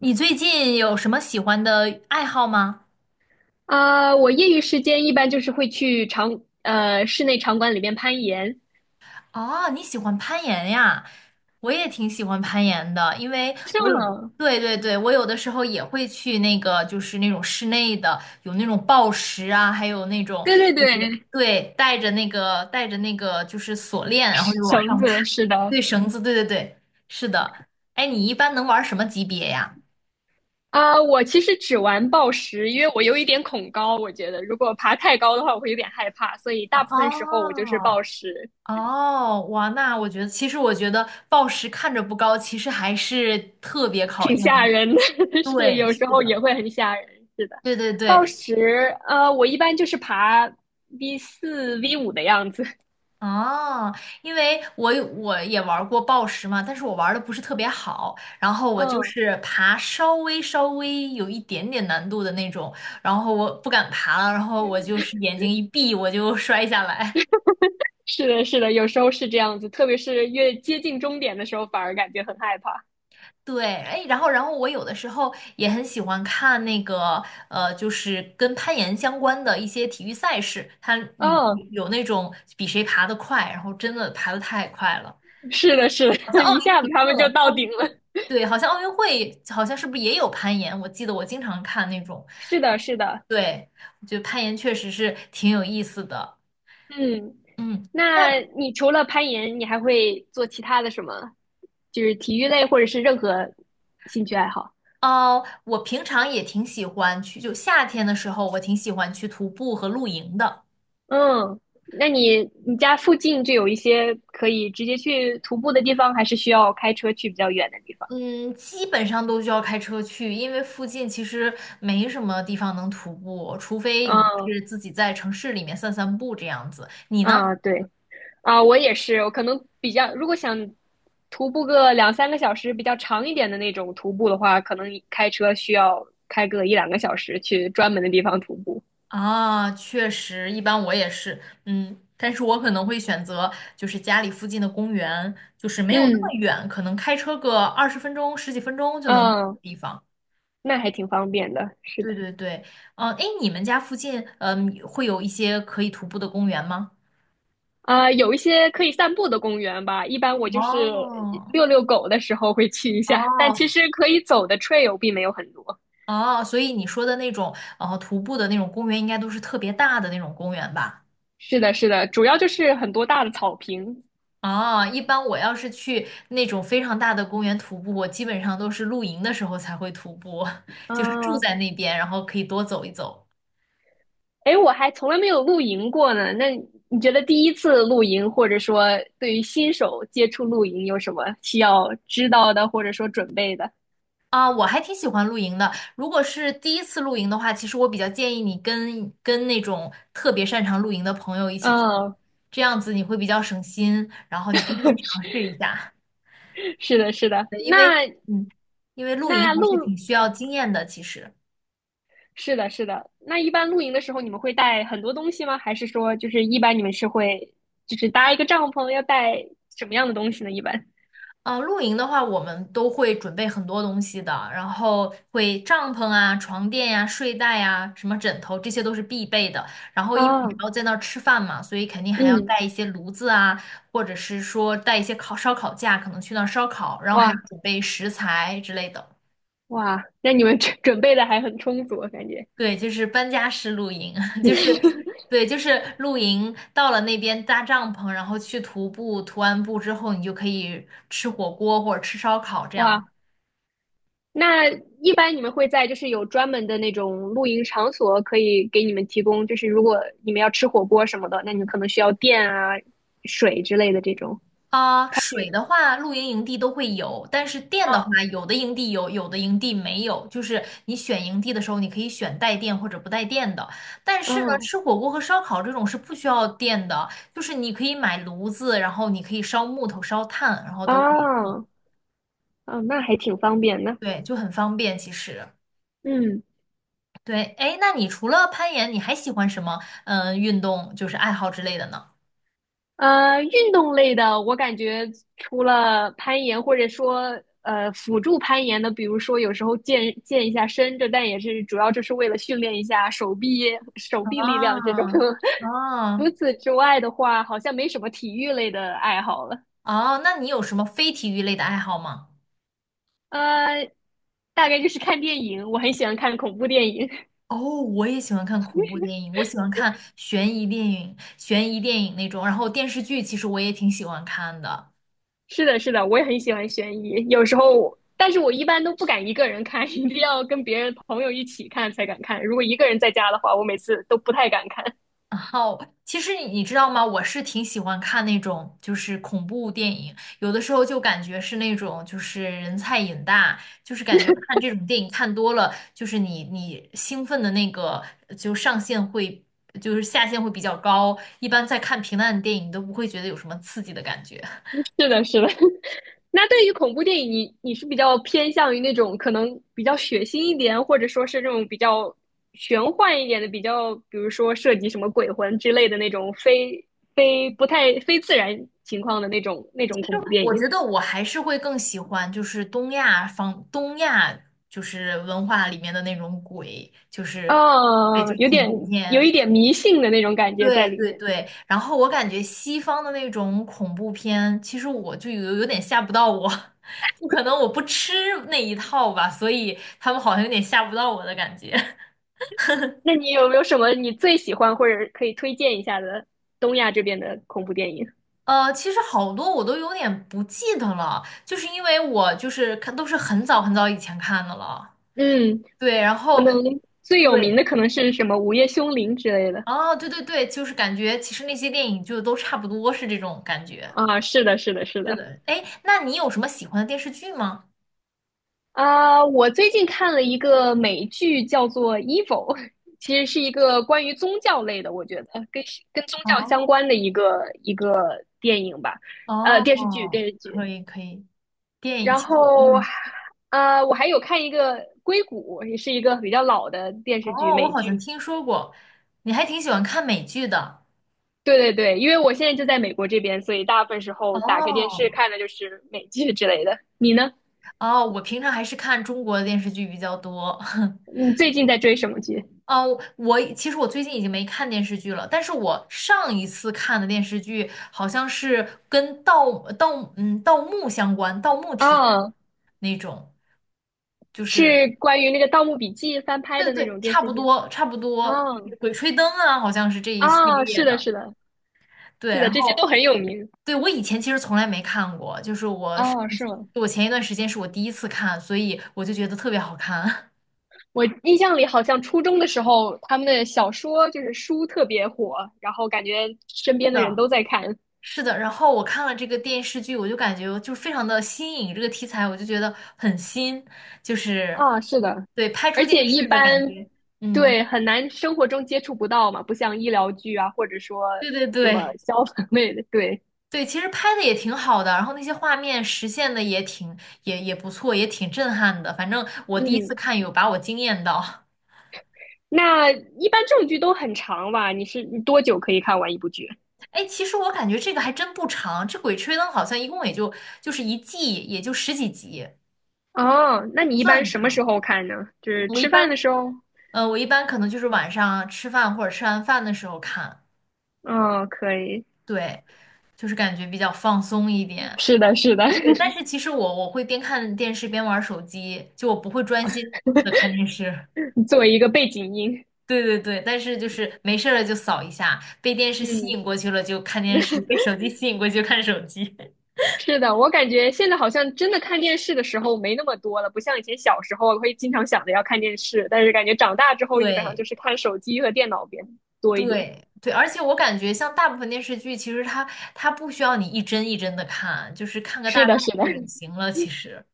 你最近有什么喜欢的爱好吗？啊，我业余时间一般就是会去室内场馆里面攀岩。哦，你喜欢攀岩呀？我也挺喜欢攀岩的，因为是我有的，吗？对对对，我有的时候也会去那个，就是那种室内的，有那种抱石啊，还有那种对对就是对，对，带着那个就是锁链，然后就往绳上爬，子是的。对，绳子，对对对，是的。哎，你一般能玩什么级别呀？啊，我其实只玩抱石，因为我有一点恐高，我觉得如果爬太高的话，我会有点害怕，所以大部分时候哦，我就是抱石，哦，哇，那我觉得，其实我觉得暴食看着不高，其实还是特别考挺吓验。人的。是对，有是时候的，也会很吓人，是的。对对抱对。石，我一般就是爬 V4、V5的样子。哦，因为我也玩过暴食嘛，但是我玩的不是特别好，然后我就嗯，是爬稍微有一点点难度的那种，然后我不敢爬了，然后我就是眼睛一闭我就 摔下来。是的，是的，有时候是这样子，特别是越接近终点的时候，反而感觉很害怕。对，哎，然后，我有的时候也很喜欢看那个，就是跟攀岩相关的一些体育赛事，它有嗯，有那种比谁爬得快，然后真的爬得太快了，是的，是好像的，奥一林下匹子他们就克、到奥运顶会，了。对，好像奥运会好像是不是也有攀岩？我记得我经常看那种，是的，是的。对，我觉得攀岩确实是挺有意思的，嗯，嗯。那那你除了攀岩，你还会做其他的什么？就是体育类或者是任何兴趣爱好？哦，我平常也挺喜欢去，就夏天的时候，我挺喜欢去徒步和露营的。嗯，那你家附近就有一些可以直接去徒步的地方，还是需要开车去比较远的地方？嗯，基本上都需要开车去，因为附近其实没什么地方能徒步，除非你就嗯是自己在城市里面散散步这样子。你呢？嗯，对。啊，我也是，我可能比较，如果想徒步个两三个小时，比较长一点的那种徒步的话，可能开车需要开个一两个小时去专门的地方徒步。啊，确实，一般我也是，嗯，但是我可能会选择就是家里附近的公园，就是没有那么嗯远，可能开车个20分钟、十几分钟就能到的嗯，地方。那还挺方便的，是对的。对对，嗯，哎，你们家附近，嗯，会有一些可以徒步的公园吗？啊，有一些可以散步的公园吧，一般我就是哦遛遛狗的时候会去一下，但其哦，实可以走的 trail 并没有很多。哦，所以你说的那种徒步的那种公园，应该都是特别大的那种公园吧？是的，是的，主要就是很多大的草坪。哦，一般我要是去那种非常大的公园徒步，我基本上都是露营的时候才会徒步，就是住啊，在那边，然后可以多走一走。哎，我还从来没有露营过呢。那你觉得第一次露营，或者说对于新手接触露营，有什么需要知道的，或者说准备的？啊，我还挺喜欢露营的。如果是第一次露营的话，其实我比较建议你跟那种特别擅长露营的朋友一起去嗯，这样子你会比较省心，然后你可以先尝试一下，是的，是的。因为那嗯，因为露营那还是挺露，需要哦，经验的，其实。是的，是的。那一般露营的时候，你们会带很多东西吗？还是说，就是一般你们是会，就是搭一个帐篷，要带什么样的东西呢？一般？嗯，露营的话，我们都会准备很多东西的，然后会帐篷啊、床垫呀、睡袋呀、什么枕头，这些都是必备的。然后，因为你啊，还要在那儿吃饭嘛，所以肯定还要嗯，带一些炉子啊，或者是说带一些烧烤架，可能去那儿烧烤，然后还要哇准备食材之类的。哇，那你们准备的还很充足，我感觉。对，就是搬家式露营，就是对，就是露营到了那边搭帐篷，然后去徒步，徒完步之后，你就可以吃火锅或者吃烧烤这哇，样。那一般你们会在就是有专门的那种露营场所可以给你们提供，就是如果你们要吃火锅什么的，那你们可能需要电啊、水之类的这种。啊，水的话，露营营地都会有，但是电的话，有的营地有，有的营地没有。就是你选营地的时候，你可以选带电或者不带电的。但是呢，嗯，吃火锅和烧烤这种是不需要电的，就是你可以买炉子，然后你可以烧木头、烧炭，然后都可以弄。哦，哦，那还挺方便的。对，就很方便其实。嗯。对，哎，那你除了攀岩，你还喜欢什么？嗯，运动就是爱好之类的呢？运动类的，我感觉除了攀岩，或者说辅助攀岩的，比如说有时候健健一下身，这但也是主要就是为了训练一下手臂力量这种。啊，哦除此之外的话，好像没什么体育类的爱好了。哦，那你有什么非体育类的爱好吗？呃，大概就是看电影，我很喜欢看恐怖电影。哦，我也喜欢看恐怖电影，我喜欢看悬疑电影那种，然后电视剧其实我也挺喜欢看的。是的，是的，我也很喜欢悬疑，有时候，但是我一般都不敢一个人看，一定要跟别人朋友一起看才敢看。如果一个人在家的话，我每次都不太敢看。然后，其实你知道吗？我是挺喜欢看那种就是恐怖电影，有的时候就感觉是那种就是人菜瘾大，就是感觉看这种电影看多了，就是你兴奋的那个就上限会就是下限会比较高，一般在看平淡的电影都不会觉得有什么刺激的感觉。是的，是的。那对于恐怖电影，你是比较偏向于那种可能比较血腥一点，或者说是这种比较玄幻一点的，比如说涉及什么鬼魂之类的那种非非不太非自然情况的那种恐怖电我影，觉得我还是会更喜欢，就是东亚就是文化里面的那种鬼，就是对，就啊，是有恐点怖有一片，点迷信的那种感觉在对里对面。对。然后我感觉西方的那种恐怖片，其实我就有点吓不到我，就可能我不吃那一套吧，所以他们好像有点吓不到我的感觉。那你有没有什么你最喜欢或者可以推荐一下的东亚这边的恐怖电影？呃，其实好多我都有点不记得了，就是因为我就是看都是很早很早以前看的了。嗯，对，然可后能最有名对的可能是什么《午夜凶铃》之类的。哦，对对对，就是感觉其实那些电影就都差不多是这种感觉。啊。是的，是的，是是的。的，哎，那你有什么喜欢的电视剧吗？啊，我最近看了一个美剧，叫做《Evil》,其实是一个关于宗教类的，我觉得跟宗教相哦关的一个电影吧，电视剧，哦，电视剧。可以可以，电影然其实后，嗯，我还有看一个《硅谷》，也是一个比较老的电视剧，哦，我美好像剧。听说过，你还挺喜欢看美剧的。对对对，因为我现在就在美国这边，所以大部分时候打开电视哦看的就是美剧之类的。你呢？哦，我平常还是看中国的电视剧比较多。你最近在追什么剧？哦，其实我最近已经没看电视剧了，但是我上一次看的电视剧好像是跟盗墓相关，盗墓题材啊？那种，就是是关于那个《盗墓笔记》翻拍对的那对对，种电差视不剧。多差不啊多，就是鬼吹灯》啊，好像是这一系啊，列是的，的，是的，对，是的，然这些后都很有名。对我以前其实从来没看过，就是哦，是吗？我前一段时间是我第一次看，所以我就觉得特别好看。我印象里好像初中的时候，他们的小说就是书特别火，然后感觉身 是边的人的，都在看。是的，然后我看了这个电视剧，我就感觉就是非常的新颖，这个题材我就觉得很新，就是啊，是的，对拍而出且电一视的感般，觉。嗯，对，很难生活中接触不到嘛，不像医疗剧啊，或者说对对什么对消 防类的。对，对，其实拍的也挺好的，然后那些画面实现的也不错，也挺震撼的。反正我第一次嗯，看有把我惊艳到。那一般这种剧都很长吧？你是你多久可以看完一部剧？哎，其实我感觉这个还真不长，这《鬼吹灯》好像一共就是一季也就十几集，哦，那不你一算般很什么时长。候看呢？就是我一吃饭的般时候？我一般可能就是晚上吃饭或者吃完饭的时候看，嗯，可以。对，就是感觉比较放松一点。是的，是的，对，但是其实我会边看电视边玩手机，就我不会专心的看电视。作为一个背景音。对对对，但是就是没事儿了就扫一下，被电视吸嗯，引过去了就看电视，被手机吸引过去就看手机。是的，我感觉现在好像真的看电视的时候没那么多了，不像以前小时候会经常想着要看电视，但是感觉长大之后基本上对就是看手机和电脑边多一点。对对，而且我感觉像大部分电视剧，其实它不需要你一帧一帧的看，就是看个大是概的，是的，就 行了，其实。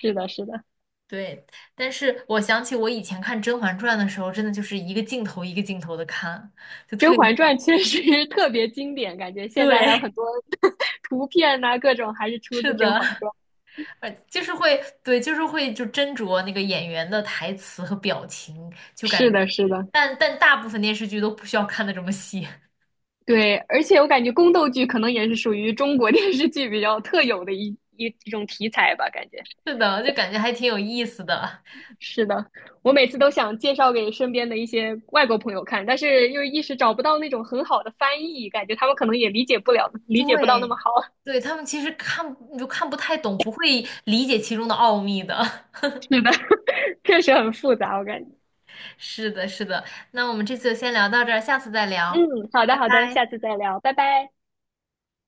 是的，是的，对，但是我想起我以前看《甄嬛传》的时候，真的就是一个镜头一个镜头的看，就《甄特别，嬛传》确实 特别经典，感觉现在还有很对，多 图片呐、各种还是出自是《甄的，嬛传》。就是会，对，就是会就斟酌那个演员的台词和表情，就感是觉，的，是的，但大部分电视剧都不需要看的这么细，对，而且我感觉宫斗剧可能也是属于中国 电视剧比较特有的一种题材吧，感觉。是的，就感觉还挺有意思的。是的，我每次都想介绍给身边的一些外国朋友看，但是又一时找不到那种很好的翻译，感觉他们可能也理解不了，理解不到那对，么好。对，他们其实看你就看不太懂，不会理解其中的奥秘的。是的，确实很复杂，我感觉。是的，是的。那我们这次就先聊到这儿，下次再聊，嗯，好的拜好的，拜。下次再聊，拜拜。